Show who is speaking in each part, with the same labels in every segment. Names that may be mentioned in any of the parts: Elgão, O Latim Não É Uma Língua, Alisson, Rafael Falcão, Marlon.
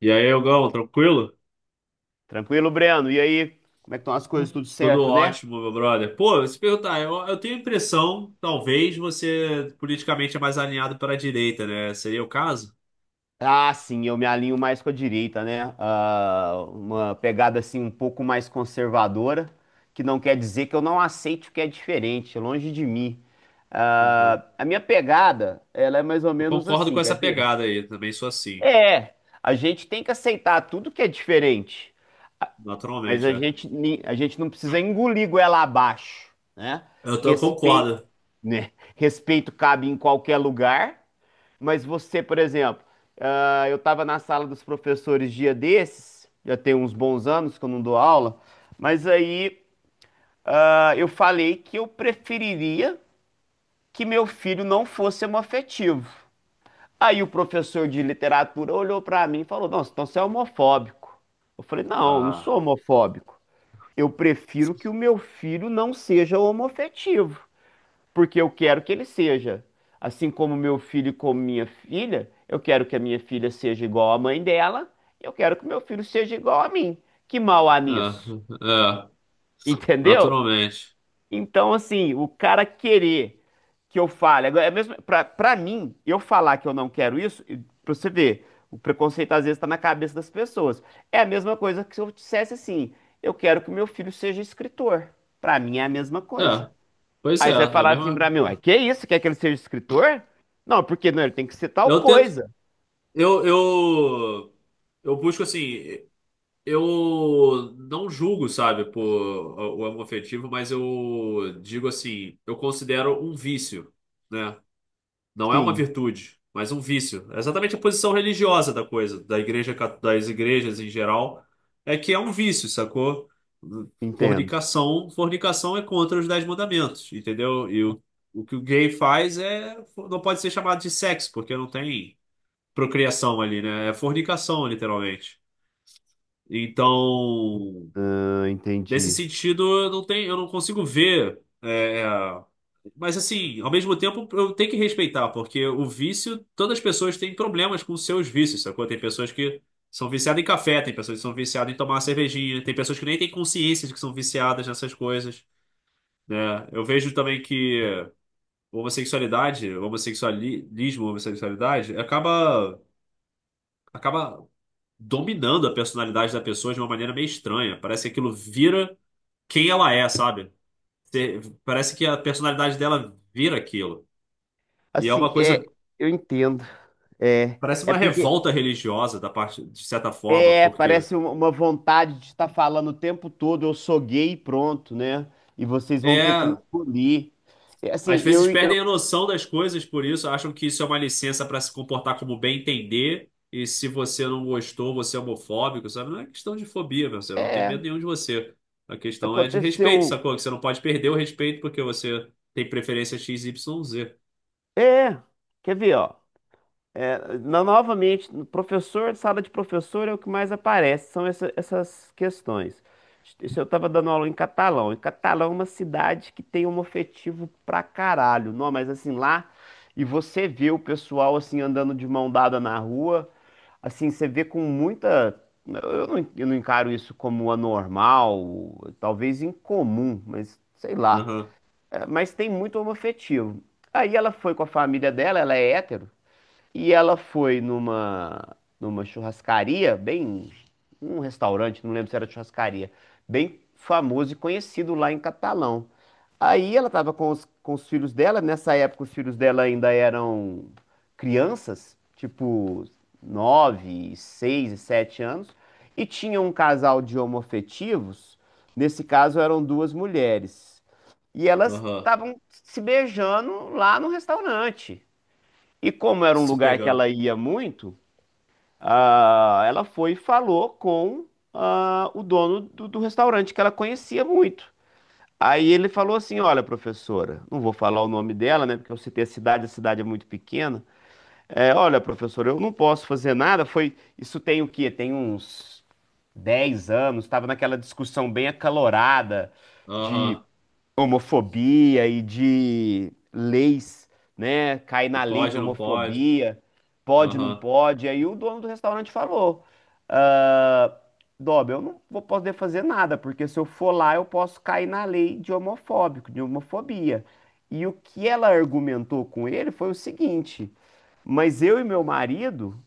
Speaker 1: E aí, Elgão, tranquilo?
Speaker 2: Tranquilo, Breno? E aí, como é que estão as coisas? Tudo
Speaker 1: Tudo
Speaker 2: certo, né?
Speaker 1: ótimo, meu brother. Pô, se perguntar, eu tenho a impressão, talvez você politicamente é mais alinhado para a direita, né? Seria o caso?
Speaker 2: Ah, sim, eu me alinho mais com a direita, né? Ah, uma pegada assim um pouco mais conservadora, que não quer dizer que eu não aceite o que é diferente, longe de mim.
Speaker 1: Uhum.
Speaker 2: Ah, a minha pegada, ela é mais ou
Speaker 1: Eu
Speaker 2: menos
Speaker 1: concordo com
Speaker 2: assim,
Speaker 1: essa
Speaker 2: quer ver?
Speaker 1: pegada aí, também sou assim,
Speaker 2: É, a gente tem que aceitar tudo que é diferente, mas
Speaker 1: naturalmente,
Speaker 2: a
Speaker 1: é.
Speaker 2: gente, ni- a gente não precisa engolir goela abaixo, né?
Speaker 1: Eu
Speaker 2: Respeito,
Speaker 1: concordo.
Speaker 2: né? Respeito cabe em qualquer lugar. Mas você, por exemplo, eu estava na sala dos professores dia desses, já tem uns bons anos que eu não dou aula, mas aí eu falei que eu preferiria que meu filho não fosse homoafetivo. Aí o professor de literatura olhou para mim e falou: Nossa, então você é homofóbico. Eu falei: Não, eu não sou
Speaker 1: Ah,
Speaker 2: homofóbico. Eu prefiro que o meu filho não seja homoafetivo porque eu quero que ele seja. Assim como meu filho e como minha filha, eu quero que a minha filha seja igual à mãe dela, eu quero que meu filho seja igual a mim. Que mal há
Speaker 1: é,
Speaker 2: nisso?
Speaker 1: é,
Speaker 2: Entendeu?
Speaker 1: naturalmente.
Speaker 2: Então, assim, o cara querer que eu fale, agora, é mesmo pra mim, eu falar que eu não quero isso, e pra você ver, o preconceito às vezes tá na cabeça das pessoas. É a mesma coisa que se eu dissesse assim, eu quero que meu filho seja escritor. Pra mim é a mesma
Speaker 1: É,
Speaker 2: coisa.
Speaker 1: pois é,
Speaker 2: Aí
Speaker 1: é
Speaker 2: você vai
Speaker 1: a
Speaker 2: falar assim
Speaker 1: mesma.
Speaker 2: pra mim, ué, que isso? Quer que ele seja escritor? Não, porque não, ele tem que ser tal
Speaker 1: Eu tento,
Speaker 2: coisa.
Speaker 1: eu, eu, eu busco assim. Eu não julgo, sabe, por o homoafetivo, mas eu digo assim, eu considero um vício, né? Não é uma
Speaker 2: Sim,
Speaker 1: virtude, mas um vício. É exatamente a posição religiosa da coisa, da igreja, das igrejas em geral, é que é um vício, sacou?
Speaker 2: entendo.
Speaker 1: Fornicação, fornicação é contra os dez mandamentos, entendeu? E o que o gay faz é não pode ser chamado de sexo, porque não tem procriação ali, né? É fornicação, literalmente. Então,
Speaker 2: Ah,
Speaker 1: nesse
Speaker 2: entendi.
Speaker 1: sentido, eu não tenho, eu não consigo ver. É, é, mas assim, ao mesmo tempo, eu tenho que respeitar, porque o vício, todas as pessoas têm problemas com os seus vícios, sacou? Tem pessoas que são viciadas em café, tem pessoas que são viciadas em tomar uma cervejinha, tem pessoas que nem têm consciência de que são viciadas nessas coisas, né? Eu vejo também que homossexualidade, homossexualismo, homossexualidade, acaba dominando a personalidade da pessoa de uma maneira meio estranha. Parece que aquilo vira quem ela é, sabe? Te- Parece que a personalidade dela vira aquilo. E é uma
Speaker 2: Assim, é,
Speaker 1: coisa,
Speaker 2: eu entendo. É,
Speaker 1: parece
Speaker 2: é
Speaker 1: uma
Speaker 2: porque
Speaker 1: revolta religiosa da parte, de certa forma,
Speaker 2: é,
Speaker 1: porque
Speaker 2: parece uma vontade de estar falando o tempo todo, eu sou gay e pronto, né? E vocês vão ter que me
Speaker 1: é,
Speaker 2: engolir. É, assim,
Speaker 1: às vezes perdem a noção das coisas por isso, acham que isso é uma licença para se comportar como bem entender, e se você não gostou, você é homofóbico, sabe? Não é questão de fobia, meu, você não tem
Speaker 2: é,
Speaker 1: medo nenhum de você. A questão é de respeito,
Speaker 2: aconteceu.
Speaker 1: sacou? Que você não pode perder o respeito porque você tem preferência XYZ.
Speaker 2: É, quer ver, ó? É, novamente, no professor, sala de professor é o que mais aparece, são essas questões. Isso eu estava dando aula em Catalão. E Catalão é uma cidade que tem homoafetivo pra caralho. Não, mas assim, lá, e você vê o pessoal assim andando de mão dada na rua, assim, você vê com muita. Eu não encaro isso como anormal, talvez incomum, mas sei lá.
Speaker 1: Aham,
Speaker 2: É, mas tem muito homoafetivo. Aí ela foi com a família dela, ela é hétero. E ela foi numa churrascaria, bem, um restaurante, não lembro se era churrascaria, bem famoso e conhecido lá em Catalão. Aí ela estava com os filhos dela, nessa época os filhos dela ainda eram crianças, tipo 9 6 e 7 anos, e tinha um casal de homoafetivos, nesse caso eram duas mulheres. E elas
Speaker 1: aham.
Speaker 2: estavam se beijando lá no restaurante. E como era um
Speaker 1: Se
Speaker 2: lugar que
Speaker 1: pegando.
Speaker 2: ela ia muito, ela foi e falou com o dono do restaurante, que ela conhecia muito. Aí ele falou assim: Olha, professora, não vou falar o nome dela, né? Porque eu citei a cidade é muito pequena. É, olha, professora, eu não posso fazer nada. Foi, isso tem o quê? Tem uns 10 anos, estava naquela discussão bem acalorada de
Speaker 1: Aham.
Speaker 2: homofobia e de leis, né? Cai
Speaker 1: Que
Speaker 2: na lei de
Speaker 1: pode, não pode.
Speaker 2: homofobia, pode, não
Speaker 1: Aham.
Speaker 2: pode. Aí o dono do restaurante falou: ah, Dob, eu não vou poder fazer nada, porque se eu for lá, eu posso cair na lei de homofóbico, de homofobia. E o que ela argumentou com ele foi o seguinte: mas eu e meu marido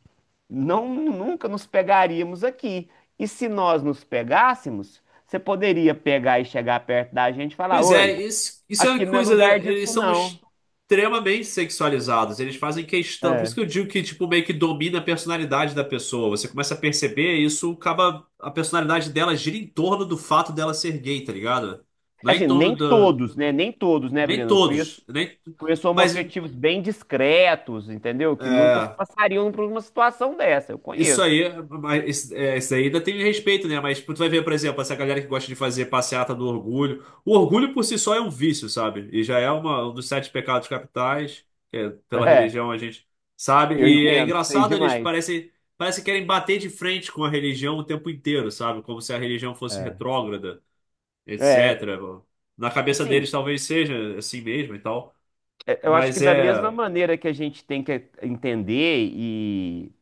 Speaker 2: não nunca nos pegaríamos aqui. E se nós nos pegássemos, você poderia pegar e chegar perto da gente e falar:
Speaker 1: Pois
Speaker 2: Oi,
Speaker 1: é, isso é uma
Speaker 2: aqui não é
Speaker 1: coisa,
Speaker 2: lugar
Speaker 1: né? Eles
Speaker 2: disso,
Speaker 1: são
Speaker 2: não.
Speaker 1: extremamente sexualizados. Eles fazem questão. Por isso que
Speaker 2: É.
Speaker 1: eu digo que, tipo, meio que domina a personalidade da pessoa. Você começa a perceber isso, acaba. A personalidade dela gira em torno do fato dela ser gay, tá ligado? Não é em
Speaker 2: Assim,
Speaker 1: torno
Speaker 2: nem
Speaker 1: do.
Speaker 2: todos, né? Nem todos, né,
Speaker 1: Nem
Speaker 2: Breno? Eu conheço,
Speaker 1: todos. Nem...
Speaker 2: conheço
Speaker 1: Mas.
Speaker 2: homoafetivos bem discretos, entendeu? Que nunca se
Speaker 1: É.
Speaker 2: passariam por uma situação dessa. Eu
Speaker 1: Isso
Speaker 2: conheço.
Speaker 1: aí, mas isso, é, isso aí ainda tem respeito, né? Mas tipo, tu vai ver, por exemplo, essa galera que gosta de fazer passeata do orgulho. O orgulho por si só é um vício, sabe? E já é um dos sete pecados capitais, que é, pela
Speaker 2: É,
Speaker 1: religião a gente sabe.
Speaker 2: eu
Speaker 1: E é
Speaker 2: entendo, sei
Speaker 1: engraçado, eles
Speaker 2: demais.
Speaker 1: parecem, parecem que querem bater de frente com a religião o tempo inteiro, sabe? Como se a religião fosse
Speaker 2: É.
Speaker 1: retrógrada,
Speaker 2: É,
Speaker 1: etc. Na cabeça
Speaker 2: sim,
Speaker 1: deles talvez seja assim mesmo e tal.
Speaker 2: é, eu acho que
Speaker 1: Mas
Speaker 2: da mesma
Speaker 1: é.
Speaker 2: maneira que a gente tem que entender e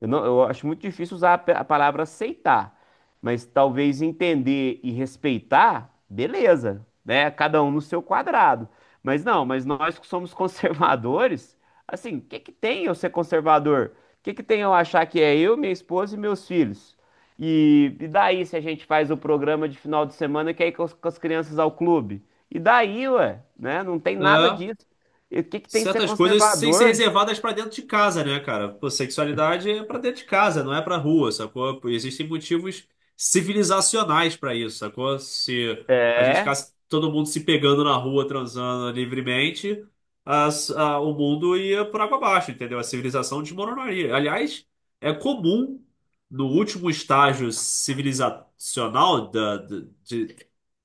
Speaker 2: eu não, eu acho muito difícil usar a palavra aceitar, mas talvez entender e respeitar, beleza, né? Cada um no seu quadrado. Mas não, mas nós que somos conservadores, assim, o que que tem eu ser conservador? O que que tem eu achar que é eu, minha esposa e meus filhos? E daí se a gente faz o programa de final de semana que é ir com as crianças ao clube? E daí, ué, né? Não tem nada
Speaker 1: É.
Speaker 2: disso. E o que que tem ser
Speaker 1: Certas coisas têm que ser
Speaker 2: conservador?
Speaker 1: reservadas pra dentro de casa, né, cara? Pô, sexualidade é pra dentro de casa, não é pra rua, sacou? Pô, existem motivos civilizacionais pra isso, sacou? Se a gente
Speaker 2: É.
Speaker 1: ficasse todo mundo se pegando na rua, transando livremente, o mundo ia por água abaixo, entendeu? A civilização desmoronaria. Aliás, é comum no último estágio civilizacional da, da- de-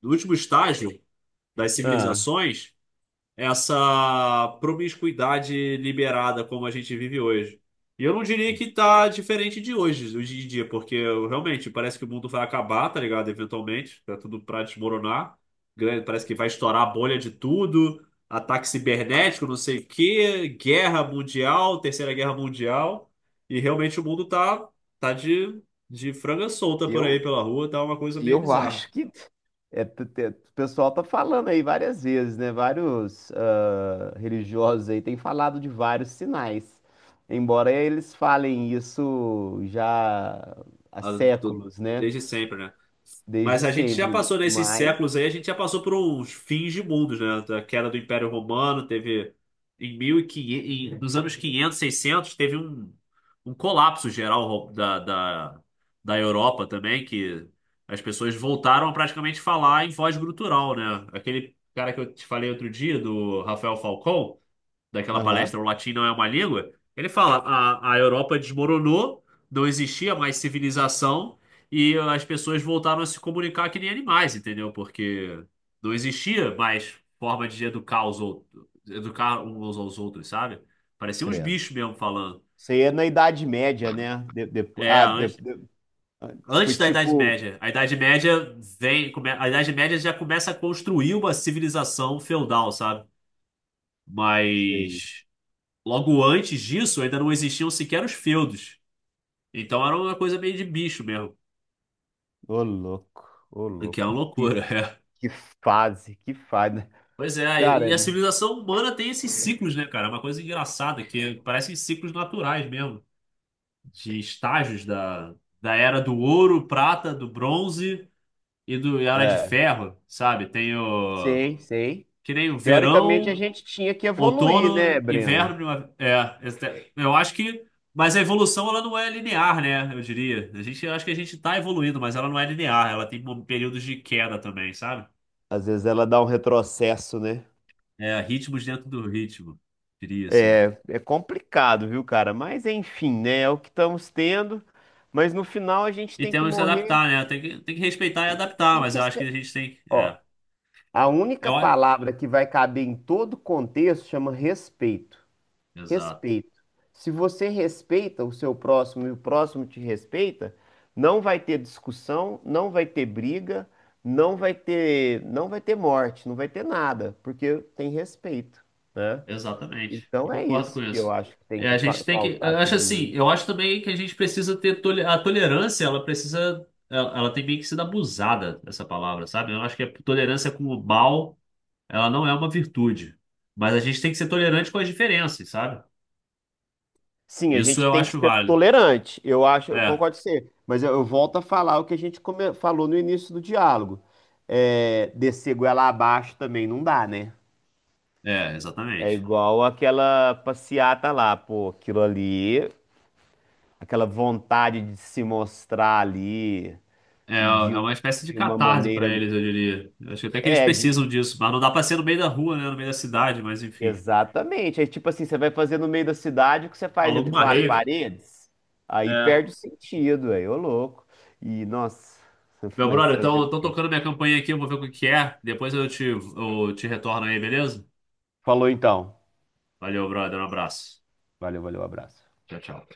Speaker 1: no último estágio das
Speaker 2: Ah.
Speaker 1: civilizações essa promiscuidade liberada como a gente vive hoje. E eu não diria que tá diferente de hoje, hoje em dia, porque eu, realmente parece que o mundo vai acabar, tá ligado? Eventualmente, tá tudo pra desmoronar. Parece que vai estourar a bolha de tudo, ataque cibernético, não sei o quê, guerra mundial, terceira guerra mundial. E realmente o mundo tá de franga solta por aí
Speaker 2: Eu
Speaker 1: pela rua, tá uma coisa
Speaker 2: E
Speaker 1: meio
Speaker 2: eu
Speaker 1: bizarra.
Speaker 2: acho que é, o pessoal tá falando aí várias vezes, né? Vários religiosos aí têm falado de vários sinais. Embora eles falem isso já há
Speaker 1: Ah, do-
Speaker 2: séculos, né?
Speaker 1: Desde sempre, né?
Speaker 2: Desde
Speaker 1: Mas a gente já
Speaker 2: sempre.
Speaker 1: passou nesses
Speaker 2: Mas.
Speaker 1: séculos aí, a gente já passou por uns fins de mundos, né? Da queda do Império Romano, teve em 1500, nos anos 500 600 teve um colapso geral da Europa também, que as pessoas voltaram a praticamente falar em voz gutural, né? Aquele cara que eu te falei outro dia, do Rafael Falcão, daquela
Speaker 2: Aham,
Speaker 1: palestra O Latim Não É Uma Língua, ele fala: a Europa desmoronou, não existia mais civilização. E as pessoas voltaram a se comunicar que nem animais, entendeu? Porque não existia mais forma de educar os outros, educar uns aos outros, sabe? Pareciam uns
Speaker 2: credo.
Speaker 1: bichos mesmo falando.
Speaker 2: Isso aí é na Idade Média, né?
Speaker 1: É, antes,
Speaker 2: Ah, foi
Speaker 1: antes da Idade
Speaker 2: tipo.
Speaker 1: Média. A Idade Média já começa a construir uma civilização feudal, sabe?
Speaker 2: Sei.
Speaker 1: Mas logo antes disso ainda não existiam sequer os feudos. Então era uma coisa meio de bicho mesmo,
Speaker 2: Ô, louco, ô,
Speaker 1: o que é uma
Speaker 2: louco. Que,
Speaker 1: loucura.
Speaker 2: que fase, que fase.
Speaker 1: Pois é, e
Speaker 2: Cara,
Speaker 1: a civilização humana tem esses ciclos, né, cara? É uma coisa engraçada, que parecem ciclos naturais mesmo, de estágios da era do ouro, prata, do bronze e a era de
Speaker 2: é.
Speaker 1: ferro, sabe? Tem o.
Speaker 2: Sei, sei.
Speaker 1: Que nem o
Speaker 2: Teoricamente a
Speaker 1: verão,
Speaker 2: gente tinha que evoluir, né,
Speaker 1: outono,
Speaker 2: Breno?
Speaker 1: inverno, primavera. É, eu acho que. Mas a evolução, ela não é linear, né? Eu diria. A gente, eu acho que a gente tá evoluindo, mas ela não é linear. Ela tem períodos de queda também, sabe?
Speaker 2: Às vezes ela dá um retrocesso, né?
Speaker 1: É, ritmos dentro do ritmo, diria assim.
Speaker 2: É complicado, viu, cara? Mas enfim, né? É o que estamos tendo. Mas no final a gente
Speaker 1: E
Speaker 2: tem que
Speaker 1: temos que se
Speaker 2: morrer.
Speaker 1: adaptar, né? Tem que respeitar e adaptar,
Speaker 2: Tem que
Speaker 1: mas eu acho que a
Speaker 2: respeitar.
Speaker 1: gente tem. É.
Speaker 2: Ó, a única
Speaker 1: Eu, acho-
Speaker 2: palavra que vai caber em todo contexto chama respeito.
Speaker 1: Exato.
Speaker 2: Respeito. Se você respeita o seu próximo e o próximo te respeita, não vai ter discussão, não vai ter briga, não vai ter morte, não vai ter nada, porque tem respeito, né?
Speaker 1: Exatamente. Eu
Speaker 2: Então é
Speaker 1: concordo com
Speaker 2: isso que eu
Speaker 1: isso.
Speaker 2: acho que tem
Speaker 1: É,
Speaker 2: que
Speaker 1: a
Speaker 2: pa-
Speaker 1: gente tem que. Eu
Speaker 2: pautar
Speaker 1: acho
Speaker 2: todo
Speaker 1: assim,
Speaker 2: mundo.
Speaker 1: eu acho também que a gente precisa ter. A tolerância, ela precisa. Ela tem meio que sido abusada, essa palavra, sabe? Eu acho que a tolerância com o mal, ela não é uma virtude. Mas a gente tem que ser tolerante com as diferenças, sabe?
Speaker 2: Sim, a
Speaker 1: Isso
Speaker 2: gente
Speaker 1: eu
Speaker 2: tem que
Speaker 1: acho
Speaker 2: ser
Speaker 1: válido.
Speaker 2: tolerante. Eu acho, eu
Speaker 1: É,
Speaker 2: concordo com você, mas eu volto a falar o que a gente falou no início do diálogo. É, descer goela abaixo também não dá, né?
Speaker 1: é,
Speaker 2: É
Speaker 1: exatamente.
Speaker 2: igual aquela passeata lá, pô, aquilo ali, aquela vontade de se mostrar ali
Speaker 1: É, é
Speaker 2: e de
Speaker 1: uma
Speaker 2: uma,
Speaker 1: espécie de
Speaker 2: de uma
Speaker 1: catarse para
Speaker 2: maneira.
Speaker 1: eles, eu diria. Eu acho que até que eles
Speaker 2: É,
Speaker 1: precisam disso, mas não dá pra ser no meio da rua, né? No meio da cidade, mas enfim.
Speaker 2: exatamente. É tipo assim, você vai fazer no meio da cidade o que você faz
Speaker 1: Alô,
Speaker 2: entre
Speaker 1: uma
Speaker 2: quatro
Speaker 1: rave.
Speaker 2: paredes, aí
Speaker 1: É.
Speaker 2: perde o sentido, aí, ô louco. E, nossa,
Speaker 1: Meu
Speaker 2: mas
Speaker 1: brother,
Speaker 2: fazer o
Speaker 1: estão
Speaker 2: quê?
Speaker 1: tocando minha campainha aqui, eu vou ver o que que é. Depois eu te retorno aí, beleza?
Speaker 2: Falou então.
Speaker 1: Valeu, brother, um abraço.
Speaker 2: Valeu, valeu, abraço.
Speaker 1: Tchau, tchau.